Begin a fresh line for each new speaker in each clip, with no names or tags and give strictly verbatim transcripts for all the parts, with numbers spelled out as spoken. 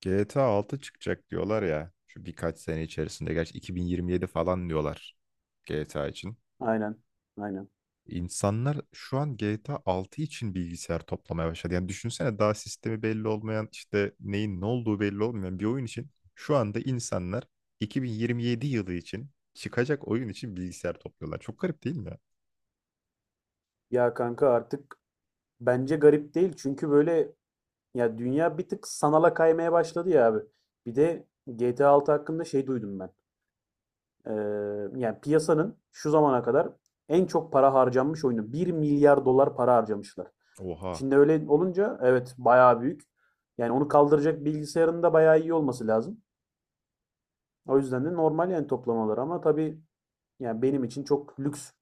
G T A altı çıkacak diyorlar ya. Şu birkaç sene içerisinde. Gerçi iki bin yirmi yedi falan diyorlar G T A için.
Aynen. Aynen.
İnsanlar şu an G T A altı için bilgisayar toplamaya başladı. Yani düşünsene daha sistemi belli olmayan, işte neyin ne olduğu belli olmayan bir oyun için şu anda insanlar iki bin yirmi yedi yılı için çıkacak oyun için bilgisayar topluyorlar. Çok garip değil mi ya?
Ya kanka artık bence garip değil. Çünkü böyle ya dünya bir tık sanala kaymaya başladı ya abi. Bir de G T A altı hakkında şey duydum ben. Ee, yani piyasanın şu zamana kadar en çok para harcanmış oyunu. Bir milyar dolar para harcamışlar.
Oha.
Şimdi öyle olunca evet bayağı büyük. Yani onu kaldıracak bilgisayarın da bayağı iyi olması lazım. O yüzden de normal yani toplamaları ama tabii yani benim için çok lüks.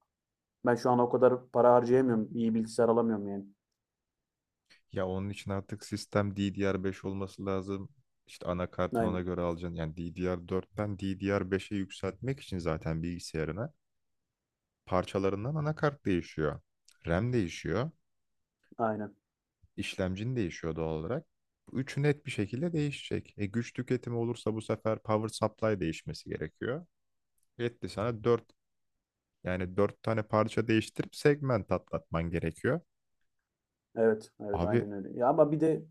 Ben şu an o kadar para harcayamıyorum. İyi bilgisayar alamıyorum yani.
Ya onun için artık sistem D D R beş olması lazım. İşte anakartın ona
Aynen.
göre alacaksın. Yani D D R dörtten D D R beşe yükseltmek için zaten bilgisayarına parçalarından anakart değişiyor. RAM değişiyor.
Aynen.
İşlemcin değişiyor doğal olarak. Bu üçü net bir şekilde değişecek. E, güç tüketimi olursa bu sefer power supply değişmesi gerekiyor. Etti sana dört, yani dört tane parça değiştirip segment atlatman gerekiyor.
Evet, evet
Abi.
aynen öyle. Ya ama bir de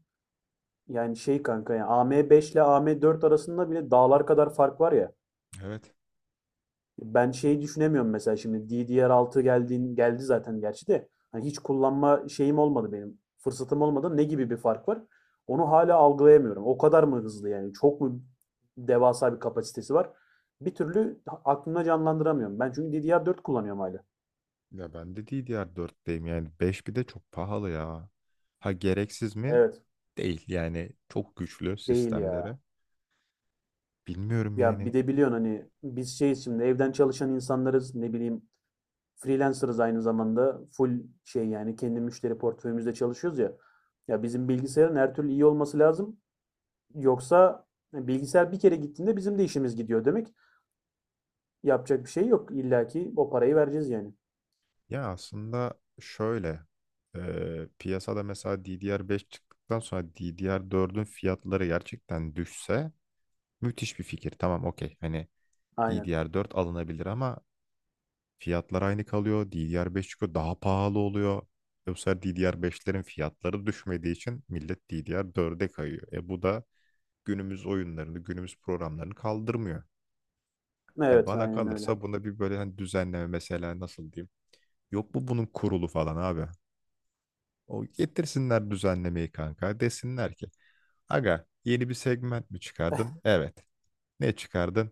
yani şey kanka ya A M beş ile A M dört arasında bile dağlar kadar fark var ya.
Evet.
Ben şeyi düşünemiyorum mesela şimdi D D R altı geldiğin geldi zaten gerçi de hani hiç kullanma şeyim olmadı benim. Fırsatım olmadı. Ne gibi bir fark var? Onu hala algılayamıyorum. O kadar mı hızlı yani? Çok mu devasa bir kapasitesi var? Bir türlü aklımda canlandıramıyorum. Ben çünkü D D R dört kullanıyorum hala.
Ya ben de D D R dörtteyim, yani beş bir de çok pahalı ya. Ha, gereksiz mi?
Evet,
Değil yani, çok güçlü
değil
sistemleri.
ya.
Bilmiyorum
Ya bir
yani.
de biliyorsun hani biz şeyiz şimdi evden çalışan insanlarız ne bileyim freelancer'ız aynı zamanda full şey yani kendi müşteri portföyümüzde çalışıyoruz ya. Ya bizim bilgisayarın her türlü iyi olması lazım. Yoksa e, bilgisayar bir kere gittiğinde bizim de işimiz gidiyor demek. Yapacak bir şey yok. İlla ki o parayı vereceğiz yani.
Ya aslında şöyle, e, piyasada mesela D D R beş çıktıktan sonra D D R dördün fiyatları gerçekten düşse müthiş bir fikir. Tamam, okey, hani
Aynen.
D D R dört alınabilir ama fiyatlar aynı kalıyor. D D R beş çıkıyor, daha pahalı oluyor. E, bu sefer D D R beşlerin fiyatları düşmediği için millet D D R dörde kayıyor. E, bu da günümüz oyunlarını, günümüz programlarını kaldırmıyor. Yani
Evet
bana
aynen öyle.
kalırsa buna bir böyle hani düzenleme, mesela nasıl diyeyim? Yok mu bunun kurulu falan abi? O getirsinler düzenlemeyi kanka. Desinler ki aga, yeni bir segment mi çıkardın? Evet. Ne çıkardın?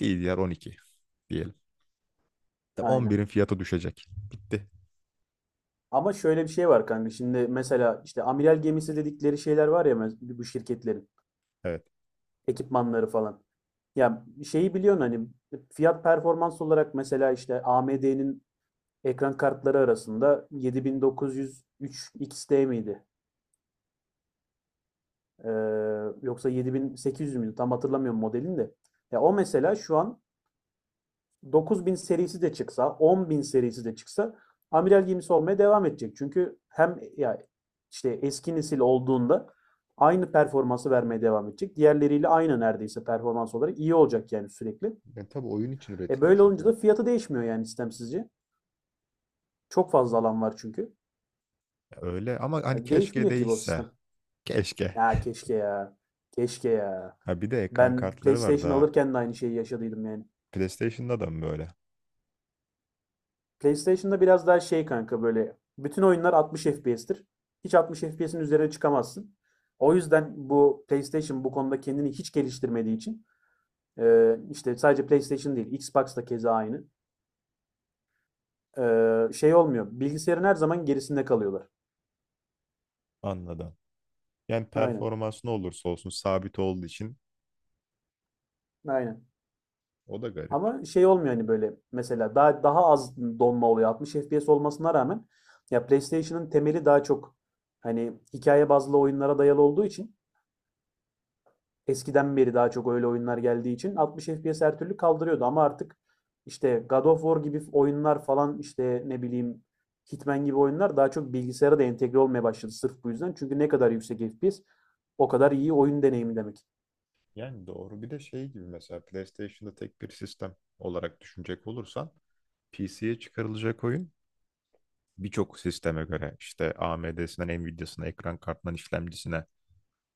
D D R on iki diyelim. Tamam,
Aynen.
on birin fiyatı düşecek. Bitti.
Ama şöyle bir şey var kanka. Şimdi mesela işte amiral gemisi dedikleri şeyler var ya mes- bu şirketlerin
Evet.
ekipmanları falan. Ya şeyi biliyorsun hani fiyat performans olarak mesela işte A M D'nin ekran kartları arasında yedi bin dokuz yüz üç X T miydi? Ee, Yoksa yedi bin sekiz yüz müydü? Tam hatırlamıyorum modelini de. Ya o mesela şu an dokuz bin serisi de çıksa, on bin serisi de çıksa amiral gemisi olmaya devam edecek. Çünkü hem ya işte eski nesil olduğunda aynı performansı vermeye devam edecek. Diğerleriyle aynı neredeyse performans olarak iyi olacak yani sürekli.
Yani tabii oyun için
E
üretildi
böyle olunca
çünkü.
da fiyatı değişmiyor yani sistem sizce. Çok fazla alan var çünkü.
Öyle ama hani
Ya
keşke
değişmeyecek gibi o
değişse.
sistem.
Keşke.
Ya keşke ya. Keşke ya.
Ha, bir de ekran
Ben
kartları var
PlayStation
daha.
alırken de aynı şeyi yaşadıydım yani.
PlayStation'da da mı böyle?
PlayStation'da biraz daha şey kanka böyle bütün oyunlar altmış F P S'tir. Hiç altmış F P S'in üzerine çıkamazsın. O yüzden bu PlayStation bu konuda kendini hiç geliştirmediği için e, işte sadece PlayStation değil Xbox da keza aynı. E, şey olmuyor. Bilgisayarın her zaman gerisinde kalıyorlar.
Anladım. Yani
Aynen.
performans ne olursa olsun sabit olduğu için
Aynen.
o da garip.
Ama şey olmuyor hani böyle mesela daha daha az donma oluyor altmış F P S olmasına rağmen. Ya PlayStation'ın temeli daha çok hani hikaye bazlı oyunlara dayalı olduğu için eskiden beri daha çok öyle oyunlar geldiği için altmış F P S her türlü kaldırıyordu ama artık işte God of War gibi oyunlar falan işte ne bileyim Hitman gibi oyunlar daha çok bilgisayara da entegre olmaya başladı sırf bu yüzden. Çünkü ne kadar yüksek F P S o kadar iyi oyun deneyimi demek.
Yani doğru. Bir de şey gibi, mesela PlayStation'da tek bir sistem olarak düşünecek olursan P C'ye çıkarılacak oyun birçok sisteme göre, işte A M D'sinden Nvidia'sına, ekran kartından işlemcisine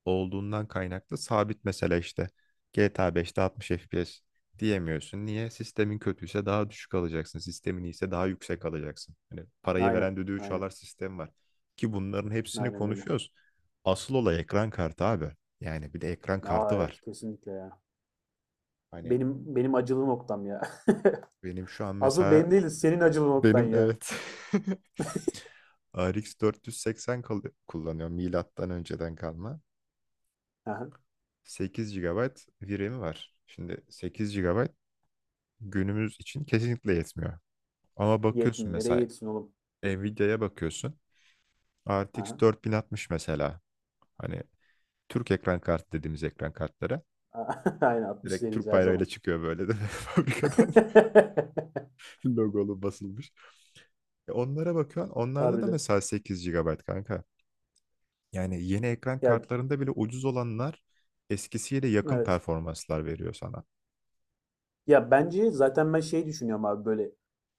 olduğundan kaynaklı sabit, mesela işte G T A beşte altmış F P S diyemiyorsun. Niye? Sistemin kötüyse daha düşük alacaksın. Sistemin iyiyse daha yüksek alacaksın. Hani parayı
Aynen.
veren düdüğü çalar
Aynen.
sistem var. Ki bunların hepsini
Aynen öyle.
konuşuyoruz. Asıl olay ekran kartı abi. Yani bir de ekran kartı
Aa evet
var.
kesinlikle ya.
Hani
Benim benim acılı noktam ya.
benim şu an
Asıl
mesela,
benim değil, senin acılı noktan
benim,
ya.
evet, R X dört yüz seksen kal- kullanıyorum, milattan önceden kalma.
Aha.
sekiz gigabayt ramı var. Şimdi sekiz gigabayt günümüz için kesinlikle yetmiyor. Ama bakıyorsun
Yetmiyor. Nereye
mesela,
yetsin oğlum?
Nvidia'ya bakıyorsun. R T X
Aha.
dört bin altmış mesela. Hani Türk ekran kartı dediğimiz ekran kartları.
Aynen altmış
Direkt
seriyiz
Türk
her
bayrağıyla
zaman.
çıkıyor böyle de fabrikadan logolu basılmış. E, onlara bakıyorsun. Onlarda da
Harbiden.
mesela sekiz gigabayt kanka. Yani yeni ekran
Ya
kartlarında bile ucuz olanlar eskisiyle yakın
evet.
performanslar veriyor sana.
Ya bence zaten ben şey düşünüyorum abi böyle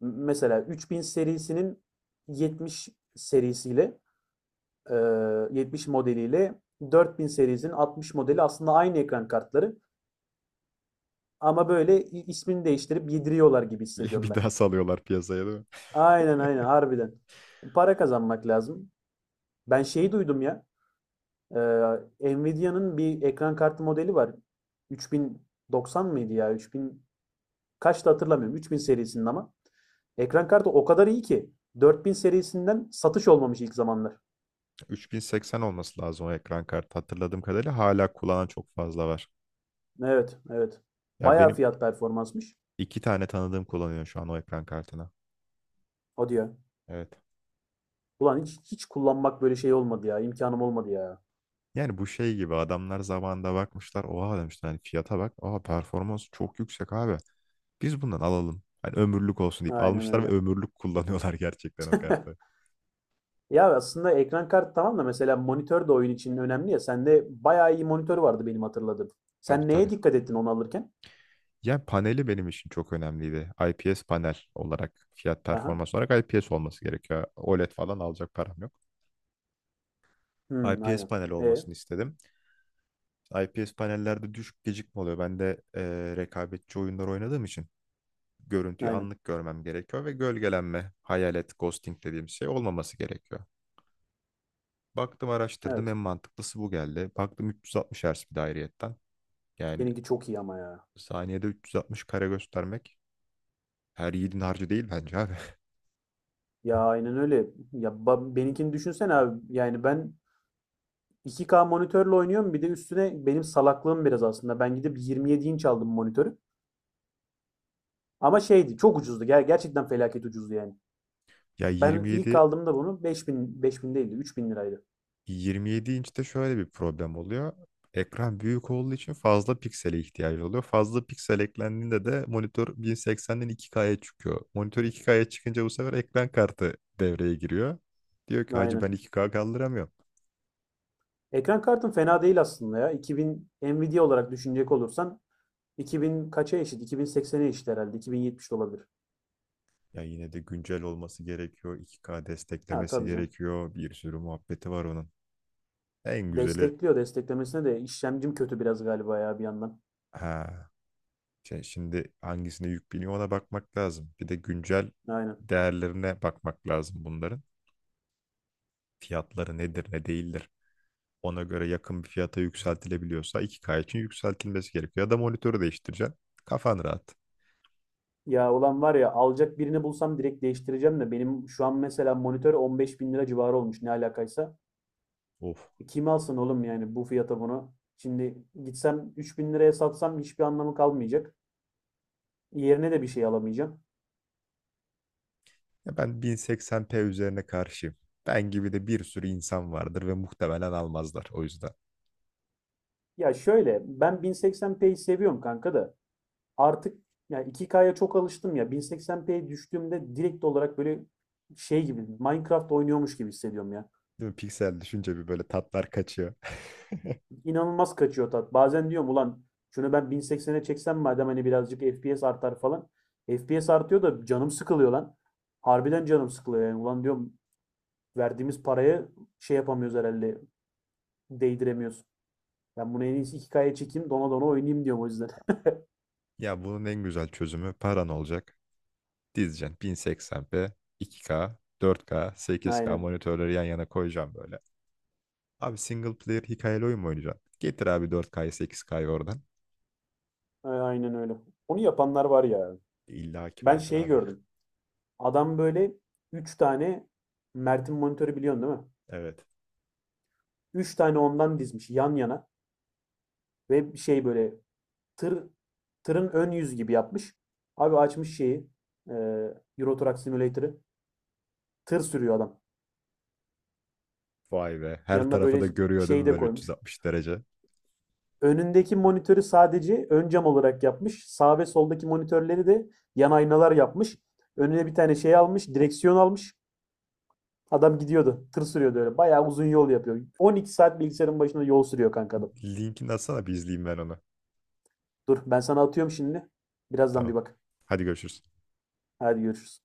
m- mesela üç bin serisinin yetmiş serisiyle e, yetmiş modeliyle dört bin serisinin altmış modeli aslında aynı ekran kartları ama böyle i- ismini değiştirip yediriyorlar gibi
Bir
hissediyorum
bir
ben.
daha salıyorlar piyasaya, değil mi?
Aynen aynen harbiden. Para kazanmak lazım. Ben şeyi duydum ya. E, Nvidia'nın bir ekran kartı modeli var. üç bin doksan mıydı ya? üç bin kaçtı hatırlamıyorum. üç bin serisinin ama. Ekran kartı o kadar iyi ki dört bin serisinden satış olmamış ilk zamanlar.
üç bin seksen olması lazım o ekran kartı. Hatırladığım kadarıyla hala kullanan çok fazla var.
Evet, evet.
Ya
Bayağı
benim
fiyat performansmış.
iki tane tanıdığım kullanıyor şu an o ekran kartını.
O diyor.
Evet.
Ulan hiç hiç kullanmak böyle şey olmadı ya. İmkanım olmadı ya.
Yani bu şey gibi, adamlar zamanında bakmışlar. Oha demişler, hani fiyata bak. Oha, performans çok yüksek abi. Biz bundan alalım. Hani ömürlük olsun deyip
Aynen
almışlar ve
öyle.
ömürlük kullanıyorlar gerçekten o kartı.
Ya aslında ekran kartı tamam da mesela monitör de oyun için önemli ya. Sende bayağı iyi monitör vardı benim hatırladığım.
Tabii
Sen
tabii.
neye dikkat ettin onu alırken?
Yani paneli benim için çok önemliydi. I P S panel olarak, fiyat
Aha.
performans olarak I P S olması gerekiyor. OLED falan alacak param yok.
Hmm,
I P S
aynen.
panel
E,
olmasını istedim. I P S panellerde düşük gecikme oluyor. Ben de eee rekabetçi oyunlar oynadığım için görüntüyü
aynen.
anlık görmem gerekiyor ve gölgelenme, hayalet, ghosting dediğim şey olmaması gerekiyor. Baktım, araştırdım, en
Evet.
mantıklısı bu geldi. Baktım üç yüz altmış Hz bir dairiyetten. Yani
Seninki çok iyi ama ya.
saniyede üç yüz altmış kare göstermek her yiğidin harcı değil bence abi.
Ya aynen öyle. Ya ba- benimkini düşünsene abi. Yani ben iki k monitörle oynuyorum. Bir de üstüne benim salaklığım biraz aslında. Ben gidip yirmi yedi inç aldım monitörü. Ama şeydi çok ucuzdu. Ger- gerçekten felaket ucuzdu yani.
Ya,
Ben ilk
27
aldığımda bunu beş bin, beş bin değildi, üç bin liraydı.
yirmi yedi inçte şöyle bir problem oluyor. Ekran büyük olduğu için fazla piksele ihtiyacı oluyor. Fazla piksel eklendiğinde de monitör bin seksenden iki ka'ya çıkıyor. Monitör iki ka'ya çıkınca bu sefer ekran kartı devreye giriyor. Diyor ki hacı, ben
Aynen.
iki ka kaldıramıyorum.
Ekran kartım fena değil aslında ya. iki bin Nvidia olarak düşünecek olursan iki bin kaça eşit? iki bin seksene eşit herhalde. iki bin yetmiş de olabilir.
Ya yine de güncel olması gerekiyor. iki ka
Ha
desteklemesi
tabii canım.
gerekiyor. Bir sürü muhabbeti var onun. En güzeli,
Destekliyor. Desteklemesine de işlemcim kötü biraz galiba ya bir yandan.
ha, şey, şimdi hangisine yük biniyor ona bakmak lazım. Bir de güncel
Aynen.
değerlerine bakmak lazım bunların. Fiyatları nedir ne değildir, ona göre yakın bir fiyata yükseltilebiliyorsa iki k için yükseltilmesi gerekiyor. Ya da monitörü değiştireceksin. Kafan rahat.
Ya olan var ya alacak birini bulsam direkt değiştireceğim de benim şu an mesela monitör on beş bin lira civarı olmuş ne alakaysa.
Of.
E, kim alsın oğlum yani bu fiyata bunu? Şimdi gitsem üç bin liraya satsam hiçbir anlamı kalmayacak. Yerine de bir şey alamayacağım.
Ya ben bin seksen p üzerine karşıyım. Ben gibi de bir sürü insan vardır ve muhtemelen almazlar o yüzden.
Ya şöyle ben bin seksen p'yi seviyorum kanka da. Artık yani iki ka'ya çok alıştım ya. bin seksen p'ye düştüğümde direkt olarak böyle şey gibi Minecraft oynuyormuş gibi hissediyorum ya.
Değil mi? Piksel düşünce bir böyle tatlar kaçıyor.
İnanılmaz kaçıyor tat. Bazen diyorum ulan şunu ben bin seksene çeksem madem hani birazcık F P S artar falan. F P S artıyor da canım sıkılıyor lan. Harbiden canım sıkılıyor yani. Ulan diyorum verdiğimiz paraya şey yapamıyoruz herhalde. Değdiremiyoruz. Ben bunu en iyisi iki ka'ya çekeyim dona dona oynayayım diyorum o yüzden.
Ya bunun en güzel çözümü paran olacak. Dizeceksin bin seksen p, iki ka, dört ka, sekiz ka
Aynen.
monitörleri yan yana koyacağım böyle. Abi, single player hikayeli oyun mu oynayacaksın? Getir abi dört ka'yı sekiz ka'yı oradan.
Aynen öyle. Onu yapanlar var ya.
İlla ki
Ben
vardır
şeyi
abi.
gördüm. Adam böyle üç tane Mert'in monitörü biliyorsun değil mi?
Evet.
Üç tane ondan dizmiş yan yana ve bir şey böyle tır tırın ön yüz gibi yapmış. Abi açmış şeyi e, Euro Truck Simulator'ı tır sürüyor adam.
Vay be. Her
Yanına
tarafı
böyle
da görüyor değil
şey
mi
de
böyle
koymuş.
üç yüz altmış derece?
Önündeki monitörü sadece ön cam olarak yapmış. Sağ ve soldaki monitörleri de yan aynalar yapmış. Önüne bir tane şey almış, direksiyon almış. Adam gidiyordu. Tır sürüyordu öyle. Bayağı uzun yol yapıyor. on iki saat bilgisayarın başında yol sürüyor kanka adam.
Linkini atsana bir izleyeyim ben onu.
Dur ben sana atıyorum şimdi. Birazdan bir
Tamam.
bak.
Hadi görüşürüz.
Hadi görüşürüz.